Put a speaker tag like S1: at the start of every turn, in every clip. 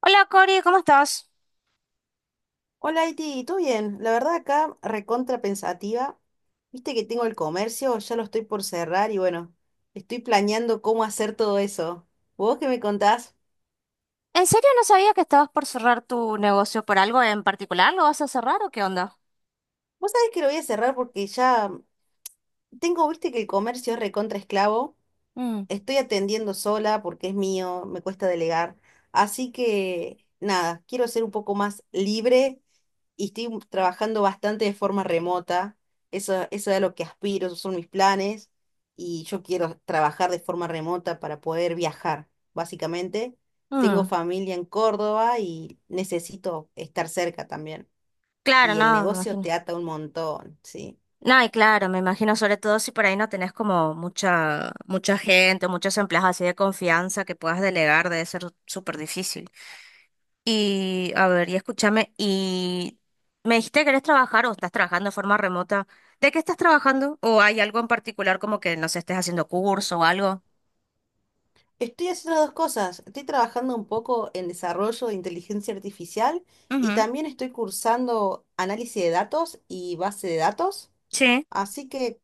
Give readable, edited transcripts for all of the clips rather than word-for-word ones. S1: Hola Cori, ¿cómo estás?
S2: Hola, Iti, ¿todo bien? La verdad acá recontra pensativa. Viste que tengo el comercio, ya lo estoy por cerrar y bueno, estoy planeando cómo hacer todo eso. ¿Vos qué me contás?
S1: ¿En serio no sabía que estabas por cerrar tu negocio por algo en particular? ¿Lo vas a cerrar o qué onda?
S2: Vos sabés que lo voy a cerrar porque ya tengo, viste que el comercio es recontra esclavo.
S1: Mm,
S2: Estoy atendiendo sola porque es mío, me cuesta delegar. Así que nada, quiero ser un poco más libre y estoy trabajando bastante de forma remota. Eso es a lo que aspiro, esos son mis planes. Y yo quiero trabajar de forma remota para poder viajar, básicamente. Tengo
S1: mm.
S2: familia en Córdoba y necesito estar cerca también.
S1: Claro,
S2: Y el
S1: no, me
S2: negocio te
S1: imagino.
S2: ata un montón, sí.
S1: No, y claro, me imagino sobre todo si por ahí no tenés como mucha, mucha gente, muchos empleados así de confianza que puedas delegar, debe ser súper difícil. Y a ver, y escúchame, y me dijiste que querés trabajar o estás trabajando de forma remota. ¿De qué estás trabajando? ¿O hay algo en particular como que no sé, estés haciendo curso o algo?
S2: Estoy haciendo dos cosas. Estoy trabajando un poco en desarrollo de inteligencia artificial y
S1: Ujú.
S2: también estoy cursando análisis de datos y base de datos.
S1: Sí.
S2: Así que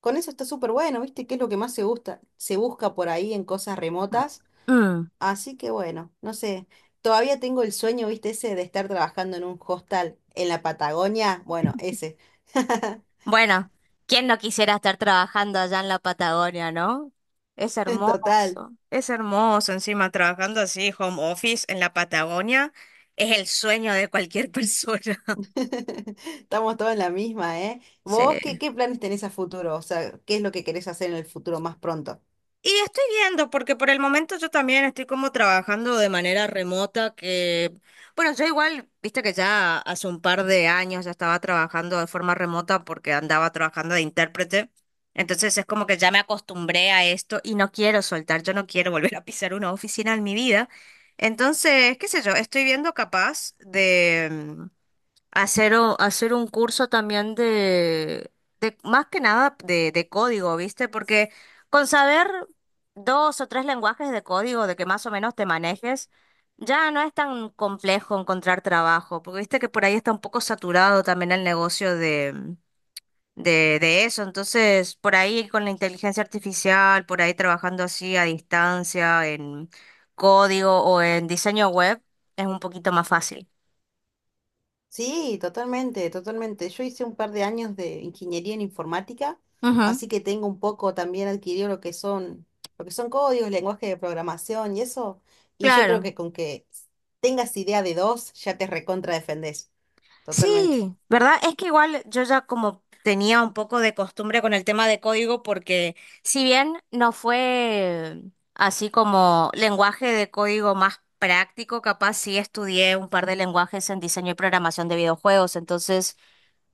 S2: con eso está súper bueno, ¿viste? ¿Qué es lo que más se gusta? Se busca por ahí en cosas remotas.
S1: Mm.
S2: Así que bueno, no sé. Todavía tengo el sueño, ¿viste? Ese de estar trabajando en un hostel en la Patagonia. Bueno, ese.
S1: Bueno, ¿quién no quisiera estar trabajando allá en la Patagonia, no? Es
S2: Total.
S1: hermoso, es hermoso. Encima, trabajando así, home office en la Patagonia, es el sueño de cualquier persona.
S2: Estamos todos en la misma, ¿eh? ¿Vos qué,
S1: Sí.
S2: qué planes tenés a futuro? O sea, ¿qué es lo que querés hacer en el futuro más pronto?
S1: Y estoy viendo, porque por el momento yo también estoy como trabajando de manera remota, que, bueno, yo igual, viste que ya hace un par de años ya estaba trabajando de forma remota porque andaba trabajando de intérprete. Entonces es como que ya me acostumbré a esto y no quiero soltar, yo no quiero volver a pisar una oficina en mi vida. Entonces, qué sé yo, estoy viendo capaz de hacer, hacer un curso también de más que nada de código, ¿viste? Porque con saber dos o tres lenguajes de código, de que más o menos te manejes, ya no es tan complejo encontrar trabajo, porque viste que por ahí está un poco saturado también el negocio de eso. Entonces, por ahí con la inteligencia artificial, por ahí trabajando así a distancia en código o en diseño web, es un poquito más fácil.
S2: Sí, totalmente, totalmente. Yo hice un par de años de ingeniería en informática,
S1: Ujú,
S2: así que tengo un poco también adquirido lo que son códigos, lenguaje de programación y eso. Y yo creo
S1: claro.
S2: que con que tengas idea de dos, ya te recontra defendés. Totalmente.
S1: Sí, ¿verdad? Es que igual yo ya como tenía un poco de costumbre con el tema de código porque si bien no fue así como lenguaje de código más práctico, capaz sí estudié un par de lenguajes en diseño y programación de videojuegos, entonces,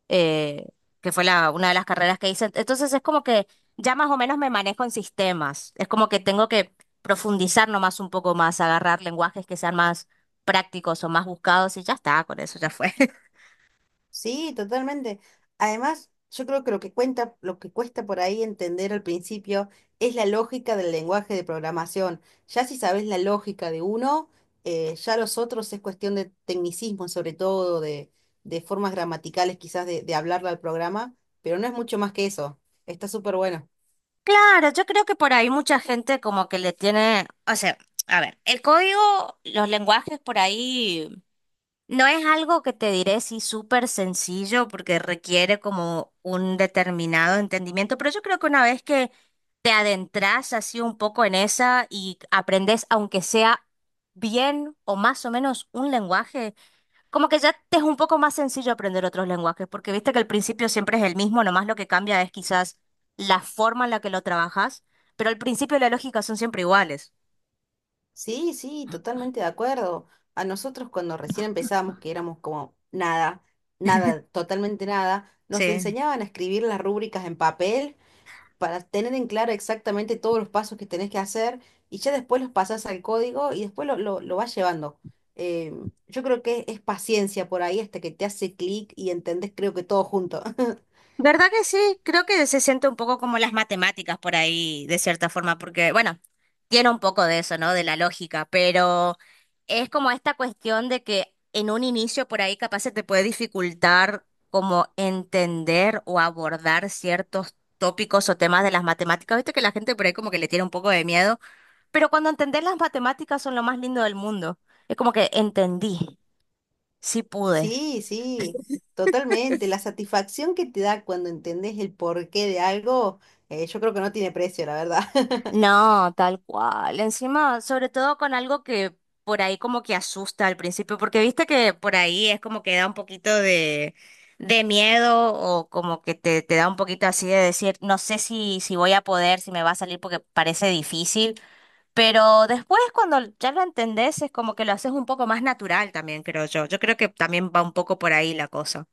S1: eh, que fue una de las carreras que hice. Entonces es como que ya más o menos me manejo en sistemas, es como que tengo que profundizar nomás un poco más, agarrar lenguajes que sean más prácticos o más buscados y ya está, con eso ya fue.
S2: Sí, totalmente. Además, yo creo que lo que cuenta, lo que cuesta por ahí entender al principio es la lógica del lenguaje de programación. Ya si sabes la lógica de uno, ya los otros es cuestión de tecnicismo, sobre todo, de formas gramaticales quizás de hablarle al programa, pero no es mucho más que eso. Está súper bueno.
S1: Claro, yo creo que por ahí mucha gente como que le tiene, o sea, a ver, el código, los lenguajes por ahí no es algo que te diré sí súper sencillo porque requiere como un determinado entendimiento, pero yo creo que una vez que te adentras así un poco en esa y aprendes aunque sea bien o más o menos un lenguaje, como que ya te es un poco más sencillo aprender otros lenguajes, porque viste que el principio siempre es el mismo, nomás lo que cambia es quizás la forma en la que lo trabajas, pero al principio la lógica son siempre iguales.
S2: Sí, sí, totalmente de acuerdo. A nosotros cuando recién empezamos, que éramos como nada, nada, totalmente nada, nos
S1: Sí.
S2: enseñaban a escribir las rúbricas en papel para tener en claro exactamente todos los pasos que tenés que hacer y ya después los pasás al código y después lo vas llevando. Eh, yo creo que es paciencia por ahí hasta que te hace clic y entendés creo que todo junto.
S1: ¿Verdad que sí? Creo que se siente un poco como las matemáticas por ahí, de cierta forma, porque, bueno, tiene un poco de eso, ¿no? De la lógica, pero es como esta cuestión de que en un inicio por ahí capaz se te puede dificultar como entender o abordar ciertos tópicos o temas de las matemáticas. Viste que la gente por ahí como que le tiene un poco de miedo, pero cuando entendés las matemáticas son lo más lindo del mundo. Es como que entendí, sí pude.
S2: Sí, sí, totalmente. La satisfacción que te da cuando entendés el porqué de algo, yo creo que no tiene precio, la verdad.
S1: No, tal cual. Encima, sobre todo con algo que por ahí como que asusta al principio, porque viste que por ahí es como que da un poquito de miedo o como que te da un poquito así de decir, no sé si, si voy a poder, si me va a salir porque parece difícil, pero después cuando ya lo entendés es como que lo haces un poco más natural también, creo yo. Yo creo que también va un poco por ahí la cosa.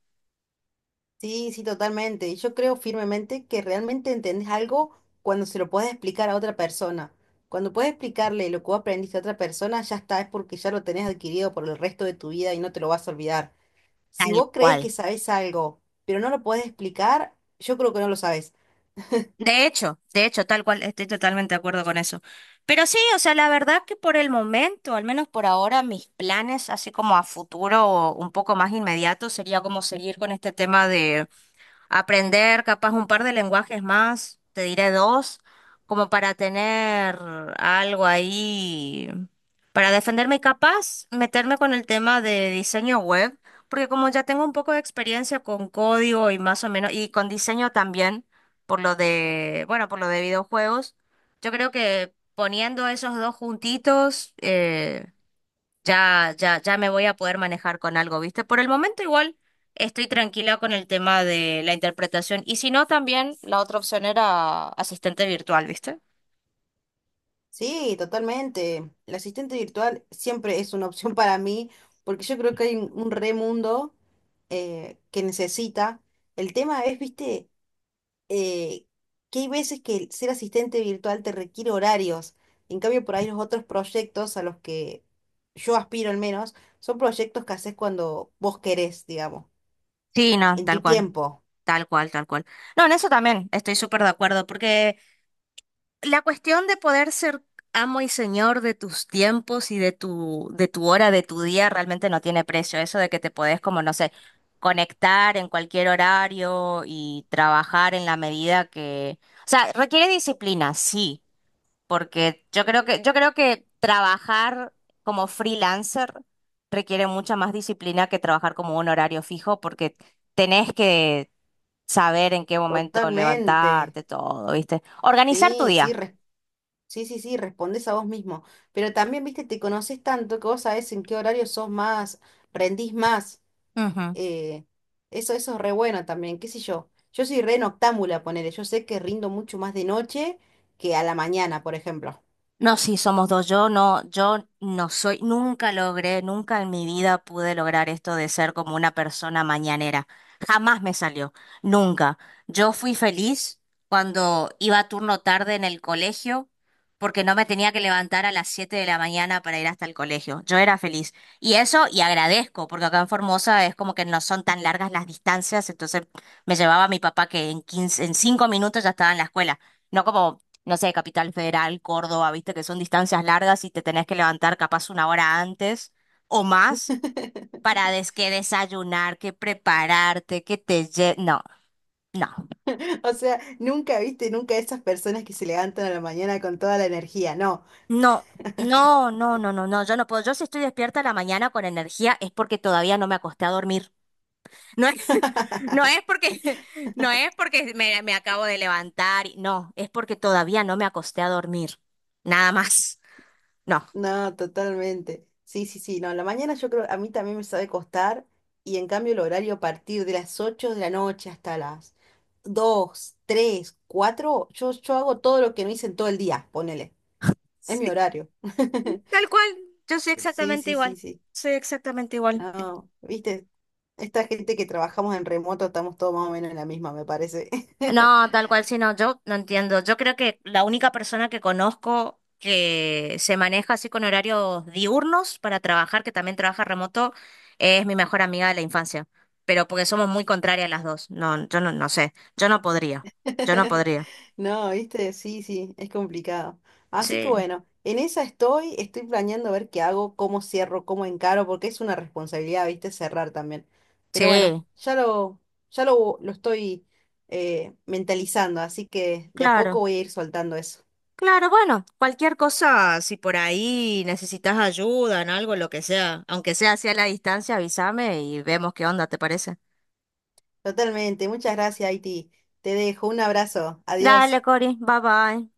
S2: Sí, sí, totalmente. Yo creo firmemente que realmente entendés algo cuando se lo puedes explicar a otra persona. Cuando puedes explicarle lo que vos aprendiste a otra persona, ya está, es porque ya lo tenés adquirido por el resto de tu vida y no te lo vas a olvidar. Si
S1: Tal
S2: vos crees
S1: cual.
S2: que sabés algo, pero no lo podés explicar, yo creo que no lo sabés.
S1: De hecho, tal cual, estoy totalmente de acuerdo con eso. Pero sí, o sea, la verdad que por el momento, al menos por ahora, mis planes, así como a futuro o un poco más inmediato, sería como seguir con este tema aprender capaz un par de lenguajes más, te diré dos, como para tener algo ahí, para defenderme y capaz meterme con el tema de diseño web, porque como ya tengo un poco de experiencia con código y más o menos, y con diseño también, por lo de, bueno, por lo de videojuegos, yo creo que poniendo esos dos juntitos, ya, ya, ya me voy a poder manejar con algo, ¿viste? Por el momento igual estoy tranquila con el tema de la interpretación y si no, también la otra opción era asistente virtual, ¿viste?
S2: Sí, totalmente. El asistente virtual siempre es una opción para mí, porque yo creo que hay un re mundo que necesita. El tema es, viste eh, que hay veces que el ser asistente virtual te requiere horarios. En cambio, por ahí los otros proyectos a los que yo aspiro al menos, son proyectos que haces cuando vos querés, digamos,
S1: Sí, no,
S2: en
S1: tal
S2: tu
S1: cual,
S2: tiempo.
S1: tal cual, tal cual. No, en eso también estoy súper de acuerdo, porque la cuestión de poder ser amo y señor de tus tiempos y de tu hora, de tu día, realmente no tiene precio. Eso de que te podés, como no sé, conectar en cualquier horario y trabajar en la medida que. O sea, requiere disciplina, sí, porque yo creo que trabajar como freelancer requiere mucha más disciplina que trabajar como un horario fijo, porque tenés que saber en qué momento
S2: Totalmente.
S1: levantarte, todo, ¿viste? Organizar tu
S2: Sí, sí,
S1: día.
S2: res- sí, sí, sí, respondes a vos mismo. Pero también, viste, te conoces tanto que vos sabés en qué horario sos más, rendís más.
S1: Ajá.
S2: eh, eso, eso es re bueno también, qué sé yo. Yo soy re noctámbula, ponele. Yo sé que rindo mucho más de noche que a la mañana, por ejemplo.
S1: No, sí, somos dos. Yo no soy, nunca logré, nunca en mi vida pude lograr esto de ser como una persona mañanera. Jamás me salió, nunca. Yo fui feliz cuando iba a turno tarde en el colegio porque no me tenía que levantar a las 7 de la mañana para ir hasta el colegio. Yo era feliz. Y eso, y agradezco, porque acá en Formosa es como que no son tan largas las distancias, entonces me llevaba a mi papá que en 5 minutos ya estaba en la escuela. No como no sé, Capital Federal, Córdoba, viste que son distancias largas y te tenés que levantar capaz 1 hora antes o más para des que desayunar, que prepararte, No, no,
S2: O sea, nunca viste, nunca esas personas que se levantan a la mañana con toda la energía. No,
S1: no. No, no, no, no, no, yo no puedo. Yo si estoy despierta a la mañana con energía es porque todavía no me acosté a dormir. No es, no es porque, no es porque me acabo de levantar, no, es porque todavía no me acosté a dormir. Nada más. No.
S2: no, totalmente. Sí, sí, sí. No, la mañana yo creo, a mí también me sabe costar. Y en cambio el horario a partir de las 8 de la noche hasta las 2, 3, 4 yo, yo hago todo lo que no hice en todo el día, ponele. Es mi horario.
S1: Tal cual, yo soy
S2: Sí,
S1: exactamente
S2: sí, sí,
S1: igual,
S2: sí.
S1: soy exactamente igual.
S2: No, viste, esta gente que trabajamos en remoto estamos todos más o menos en la misma, me parece.
S1: No, tal cual, sí, no, yo no entiendo. Yo creo que la única persona que conozco que se maneja así con horarios diurnos para trabajar, que también trabaja remoto, es mi mejor amiga de la infancia. Pero porque somos muy contrarias las dos. No, yo no, no sé, yo no podría, yo no podría.
S2: No, viste, sí, sí, es complicado. Así que
S1: Sí.
S2: bueno, en esa estoy, estoy planeando ver qué hago, cómo cierro, cómo encaro, porque es una responsabilidad, viste, cerrar también. Pero bueno,
S1: Sí,
S2: ya lo estoy mentalizando, así que de a poco
S1: claro.
S2: voy a ir soltando eso.
S1: Claro, bueno, cualquier cosa, si por ahí necesitas ayuda en algo, lo que sea, aunque sea hacia la distancia, avísame y vemos qué onda, ¿te parece?
S2: Totalmente, muchas gracias, Haití. Te dejo un abrazo,
S1: Dale,
S2: adiós.
S1: Cori, bye bye.